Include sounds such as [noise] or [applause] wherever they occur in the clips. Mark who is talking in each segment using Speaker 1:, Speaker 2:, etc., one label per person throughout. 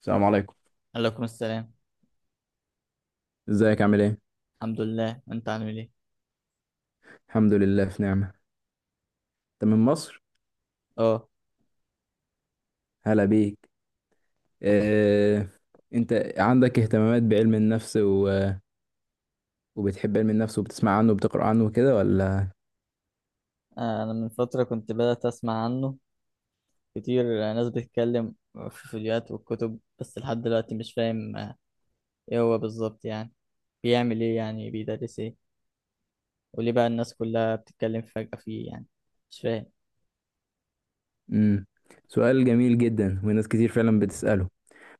Speaker 1: السلام عليكم.
Speaker 2: عليكم السلام.
Speaker 1: ازيك عامل ايه؟
Speaker 2: الحمد لله، انت عامل ايه؟
Speaker 1: الحمد لله في نعمة. انت من مصر؟
Speaker 2: اه.
Speaker 1: هلا بيك. اه... انت عندك اهتمامات بعلم النفس وبتحب علم النفس وبتسمع عنه وبتقرأ عنه وكده ولا؟
Speaker 2: انا من فتره كنت بدات اسمع عنه كتير، ناس بتتكلم في فيديوهات والكتب، بس لحد دلوقتي مش فاهم ايه هو بالظبط يعني، بيعمل ايه، يعني بيدرس ايه، وليه بقى الناس كلها بتتكلم فجاه فيه يعني؟ مش فاهم.
Speaker 1: امم سؤال جميل جدا وناس كتير فعلا بتسأله.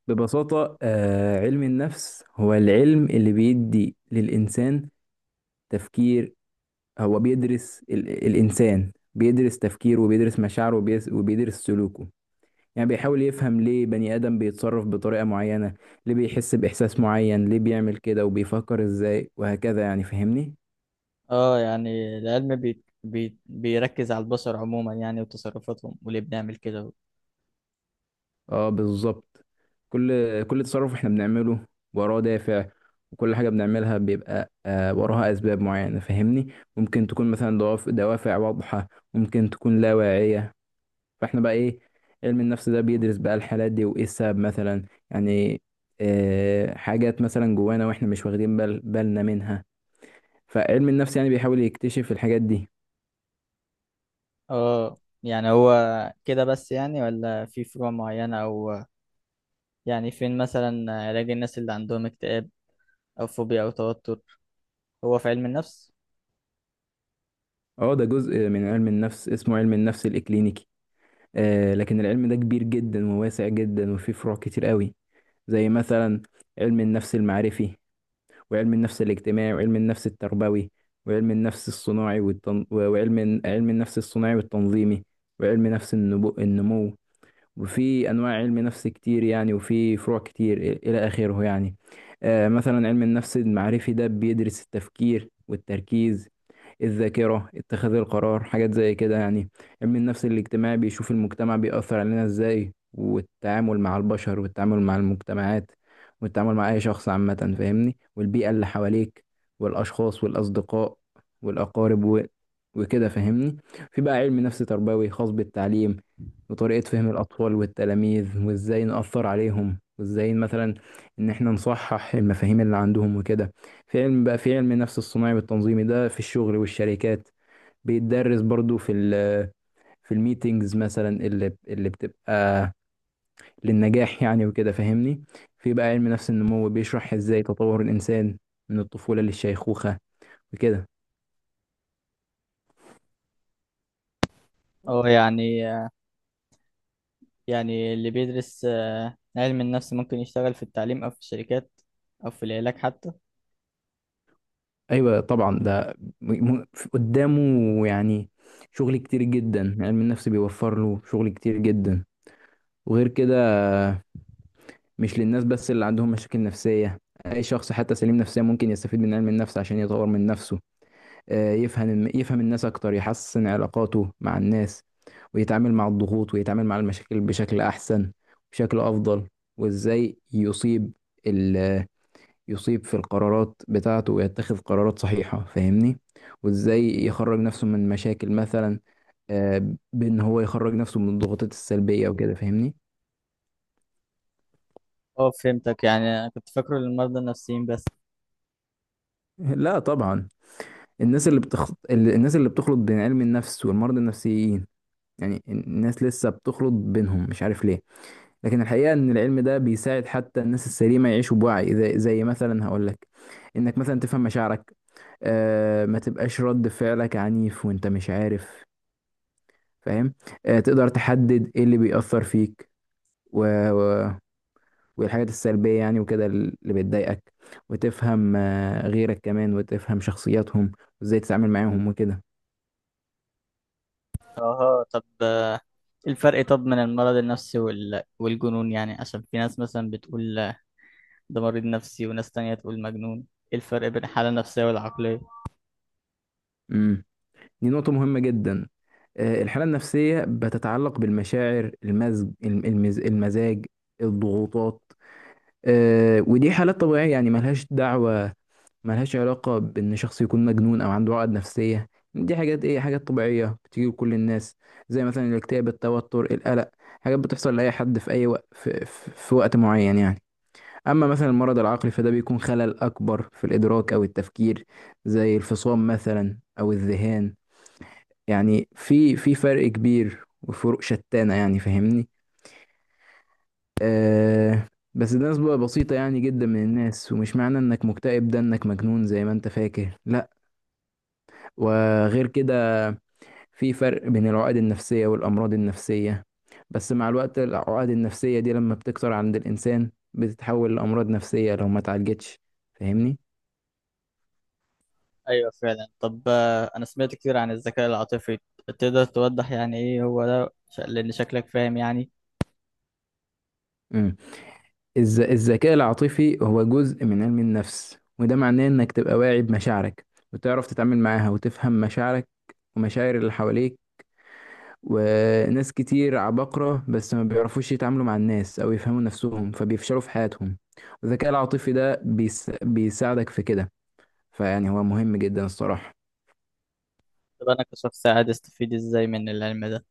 Speaker 1: ببساطة، علم النفس هو العلم اللي بيدي للإنسان تفكير. هو بيدرس الإنسان، بيدرس تفكيره وبيدرس مشاعره وبيدرس سلوكه. يعني بيحاول يفهم ليه بني آدم بيتصرف بطريقة معينة، ليه بيحس بإحساس معين، ليه بيعمل كده وبيفكر إزاي وهكذا، يعني فاهمني؟
Speaker 2: اه، يعني العلم بيركز على البشر عموما يعني، وتصرفاتهم وليه بنعمل كده.
Speaker 1: اه بالظبط. كل تصرف احنا بنعمله وراه دافع، وكل حاجة بنعملها بيبقى وراها أسباب معينة، فاهمني؟ ممكن تكون مثلا دوافع واضحة، ممكن تكون لا واعية. فاحنا بقى إيه، علم النفس ده بيدرس بقى الحالات دي وإيه السبب مثلا يعني. آه حاجات مثلا جوانا واحنا مش واخدين بال بالنا منها، فعلم النفس يعني بيحاول يكتشف الحاجات دي.
Speaker 2: اه، يعني هو كده بس يعني، ولا في فروع معينه؟ او يعني فين مثلا علاج الناس اللي عندهم اكتئاب أو فوبيا أو توتر؟ هو في علم النفس؟
Speaker 1: اه ده جزء من علم النفس اسمه علم النفس الإكلينيكي. آه لكن العلم ده كبير جدا وواسع جدا وفيه فروع كتير قوي، زي مثلا علم النفس المعرفي وعلم النفس الاجتماعي وعلم النفس التربوي وعلم النفس الصناعي و علم النفس الصناعي والتنظيمي وعلم نفس النمو. وفي انواع علم نفس كتير يعني وفي فروع كتير الى اخره يعني. مثلا علم النفس المعرفي ده بيدرس التفكير والتركيز، الذاكرة، اتخاذ القرار، حاجات زي كده يعني. علم النفس الاجتماعي بيشوف المجتمع بيأثر علينا ازاي، والتعامل مع البشر والتعامل مع المجتمعات والتعامل مع اي شخص عامة، فاهمني، والبيئة اللي حواليك والاشخاص والاصدقاء والاقارب وكده فاهمني. في بقى علم نفس تربوي خاص بالتعليم وطريقة فهم الأطفال والتلاميذ وإزاي نأثر عليهم وإزاي مثلا إن إحنا نصحح المفاهيم اللي عندهم وكده. في علم النفس الصناعي والتنظيمي ده في الشغل والشركات، بيتدرس برضو في في الميتينجز مثلا اللي بتبقى للنجاح يعني وكده فاهمني. في بقى علم نفس النمو بيشرح إزاي تطور الإنسان من الطفولة للشيخوخة وكده.
Speaker 2: أو يعني اللي بيدرس علم النفس ممكن يشتغل في التعليم أو في الشركات أو في العلاج حتى؟
Speaker 1: ايوه طبعا ده م- م- قدامه يعني شغل كتير جدا، علم النفس بيوفر له شغل كتير جدا. وغير كده مش للناس بس اللي عندهم مشاكل نفسية، اي شخص حتى سليم نفسيا ممكن يستفيد من علم النفس عشان يطور من نفسه. يفهم الناس اكتر، يحسن علاقاته مع الناس، ويتعامل مع الضغوط ويتعامل مع المشاكل بشكل احسن، بشكل افضل. وازاي يصيب في القرارات بتاعته ويتخذ قرارات صحيحة، فاهمني، وازاي يخرج نفسه من مشاكل مثلا. بان هو يخرج نفسه من الضغوطات السلبية وكده فاهمني.
Speaker 2: أه، فهمتك. يعني أنا كنت فاكره للمرضى النفسيين بس.
Speaker 1: لا طبعا. الناس اللي الناس اللي بتخلط بين علم النفس والمرضى النفسيين، يعني الناس لسه بتخلط بينهم مش عارف ليه. لكن الحقيقة ان العلم ده بيساعد حتى الناس السليمة يعيشوا بوعي. زي مثلا هقول لك، انك مثلا تفهم مشاعرك، آه ما تبقاش رد فعلك عنيف وانت مش عارف، فاهم. تقدر تحدد ايه اللي بيأثر فيك و... و... والحاجات السلبية يعني وكده اللي بتضايقك. وتفهم، غيرك كمان وتفهم شخصياتهم وازاي تتعامل معاهم وكده.
Speaker 2: أها. طب إيه الفرق طب من المرض النفسي والجنون، يعني عشان في ناس مثلا بتقول ده مريض نفسي وناس تانية تقول مجنون. إيه الفرق بين الحالة النفسية والعقلية؟
Speaker 1: امم دي نقطة مهمة جدا. الحالة النفسية بتتعلق بالمشاعر، المزاج، الضغوطات. ودي حالات طبيعية يعني، ملهاش دعوة، ملهاش علاقة بإن شخص يكون مجنون أو عنده عقد نفسية. دي حاجات إيه، حاجات طبيعية بتيجي لكل الناس، زي مثلا الاكتئاب، التوتر، القلق. حاجات بتحصل لأي حد في أي وقت، في وقت معين يعني. أما مثلا المرض العقلي فده بيكون خلل أكبر في الإدراك أو التفكير، زي الفصام مثلا أو الذهان. يعني في فرق كبير وفروق شتانة يعني فاهمني. آه. بس ده نسبة بسيطة يعني جدا من الناس، ومش معنى إنك مكتئب ده إنك مجنون زي ما أنت فاكر، لا. وغير كده، في فرق بين العقد النفسية والأمراض النفسية، بس مع الوقت العقد النفسية دي لما بتكتر عند الإنسان بتتحول لأمراض نفسية لو ما اتعالجتش، فاهمني؟
Speaker 2: ايوه فعلا. طب انا سمعت كتير عن الذكاء العاطفي. تقدر توضح يعني ايه هو ده؟ لان شكلك فاهم يعني.
Speaker 1: امم الذكاء العاطفي هو جزء من علم النفس، وده معناه إنك تبقى واعي بمشاعرك وتعرف تتعامل معاها وتفهم مشاعرك ومشاعر اللي حواليك. وناس كتير عباقرة بس ما بيعرفوش يتعاملوا مع الناس أو يفهموا نفسهم فبيفشلوا في حياتهم، والذكاء العاطفي ده بيساعدك في كده. فيعني هو مهم جدا الصراحة.
Speaker 2: طب انا كشخص عادي استفيد ازاي من العلم ده؟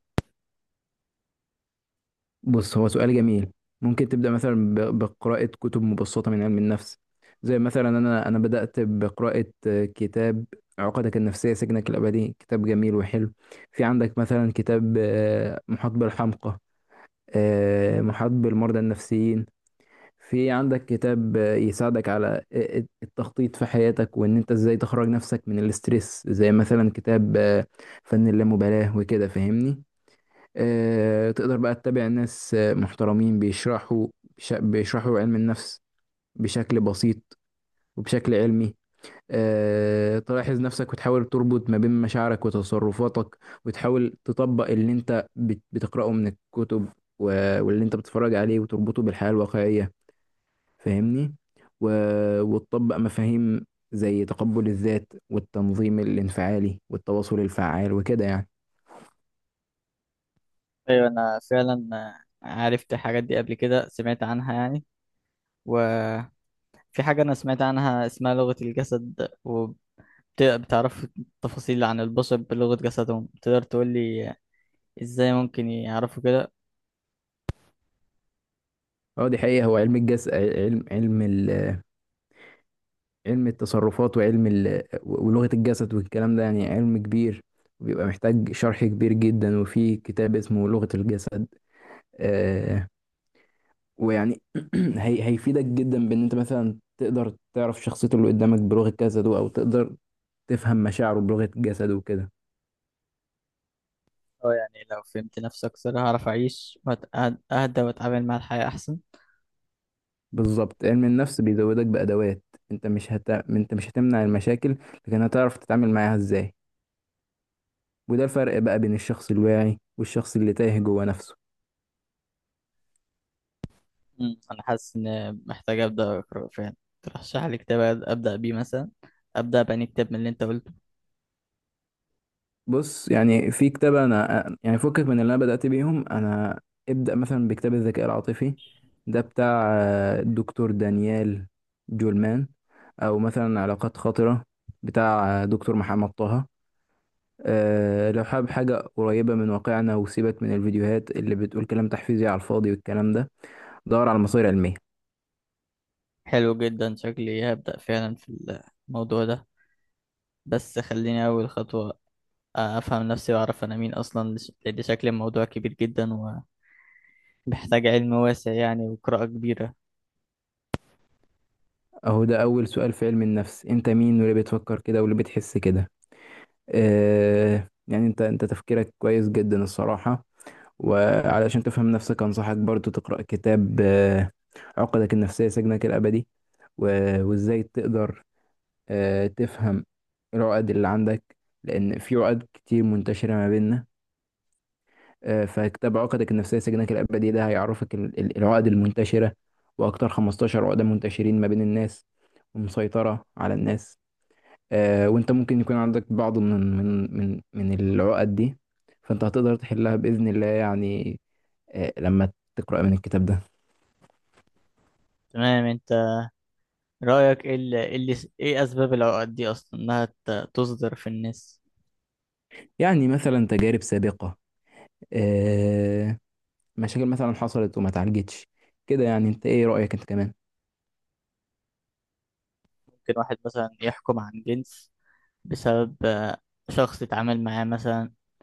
Speaker 1: بص هو سؤال جميل. ممكن تبدأ مثلا بقراءة كتب مبسطة من علم النفس. زي مثلا أنا بدأت بقراءة كتاب عقدك النفسية سجنك الأبدي، كتاب جميل وحلو. في عندك مثلا كتاب، محاط بالحمقى، محاط بالمرضى النفسيين. في عندك كتاب يساعدك على التخطيط في حياتك وان انت ازاي تخرج نفسك من الاسترس، زي مثلا كتاب فن اللامبالاة وكده فاهمني. تقدر بقى تتابع ناس محترمين بيشرحوا، بيشرحوا علم النفس بشكل بسيط وبشكل علمي. تلاحظ نفسك وتحاول تربط ما بين مشاعرك وتصرفاتك، وتحاول تطبق اللي انت بتقرأه من الكتب واللي انت بتتفرج عليه وتربطه بالحياة الواقعية، فاهمني. و... وتطبق مفاهيم زي تقبل الذات والتنظيم الانفعالي والتواصل الفعال وكده يعني.
Speaker 2: ايوه، انا فعلا عرفت الحاجات دي قبل كده، سمعت عنها يعني. وفي حاجة انا سمعت عنها اسمها لغة الجسد، وبتعرف تفاصيل عن البشر بلغة جسدهم. تقدر تقول لي ازاي ممكن يعرفوا كده؟
Speaker 1: اه دي حقيقة. هو علم الجسد، علم التصرفات ولغة الجسد والكلام ده يعني علم كبير، وبيبقى محتاج شرح كبير جدا، وفي كتاب اسمه لغة الجسد. آه ويعني [clears throat] هيفيدك جدا بان انت مثلا تقدر تعرف شخصيته اللي قدامك بلغة جسده، او تقدر تفهم مشاعره بلغة جسده وكده.
Speaker 2: اه، يعني لو فهمت نفسي اكثر هعرف اعيش وأهدى واتعامل مع الحياة احسن.
Speaker 1: بالظبط، علم النفس بيزودك بأدوات. انت مش هت... انت مش هتمنع المشاكل، لكن هتعرف تتعامل معاها ازاي. وده الفرق بقى بين الشخص الواعي والشخص اللي تايه جوه نفسه.
Speaker 2: مم. انا حاسس ان محتاج ابدا اقرا فعلا. ترشح لي كتاب ابدا بيه مثلا؟ ابدا بأني كتاب من اللي انت قلته.
Speaker 1: بص يعني في كتاب انا يعني فكك من اللي انا بدأت بيهم انا. ابدأ مثلا بكتاب الذكاء العاطفي، ده بتاع الدكتور دانيال جولمان. او مثلا علاقات خاطرة، بتاع دكتور محمد طه. لو حابب حاجة قريبة من واقعنا وسيبك من الفيديوهات اللي بتقول كلام تحفيزي على الفاضي والكلام ده، دور على مصادر علمية.
Speaker 2: حلو جدا. شكلي هبدا فعلا في الموضوع ده، بس خليني اول خطوه افهم نفسي واعرف انا مين اصلا، لان شكل الموضوع كبير جدا، ومحتاج علم واسع يعني، وقراءه كبيره.
Speaker 1: أهو ده أول سؤال في علم النفس، أنت مين واللي بتفكر كده واللي بتحس كده. آه يعني أنت تفكيرك كويس جدا الصراحة. وعلشان تفهم نفسك أنصحك برضو تقرأ كتاب آه عقدك النفسية سجنك الأبدي. وإزاي تقدر آه تفهم العقد اللي عندك، لأن في عقد كتير منتشرة ما بيننا. فكتاب عقدك النفسية سجنك الأبدي ده هيعرفك العقد المنتشرة، وأكتر 15 عقدة منتشرين ما بين الناس ومسيطرة على الناس. وأنت ممكن يكون عندك بعض من العقد دي، فأنت هتقدر تحلها بإذن الله يعني، لما تقرأ من الكتاب ده.
Speaker 2: تمام. انت رايك ايه إيه اسباب العقد دي اصلا، انها تصدر في الناس؟
Speaker 1: يعني مثلا تجارب سابقة، آه، مشاكل مثلا حصلت وما اتعالجتش كده يعني. أنت إيه رأيك أنت كمان؟
Speaker 2: ممكن واحد مثلا يحكم عن جنس بسبب شخص اتعامل معاه مثلا.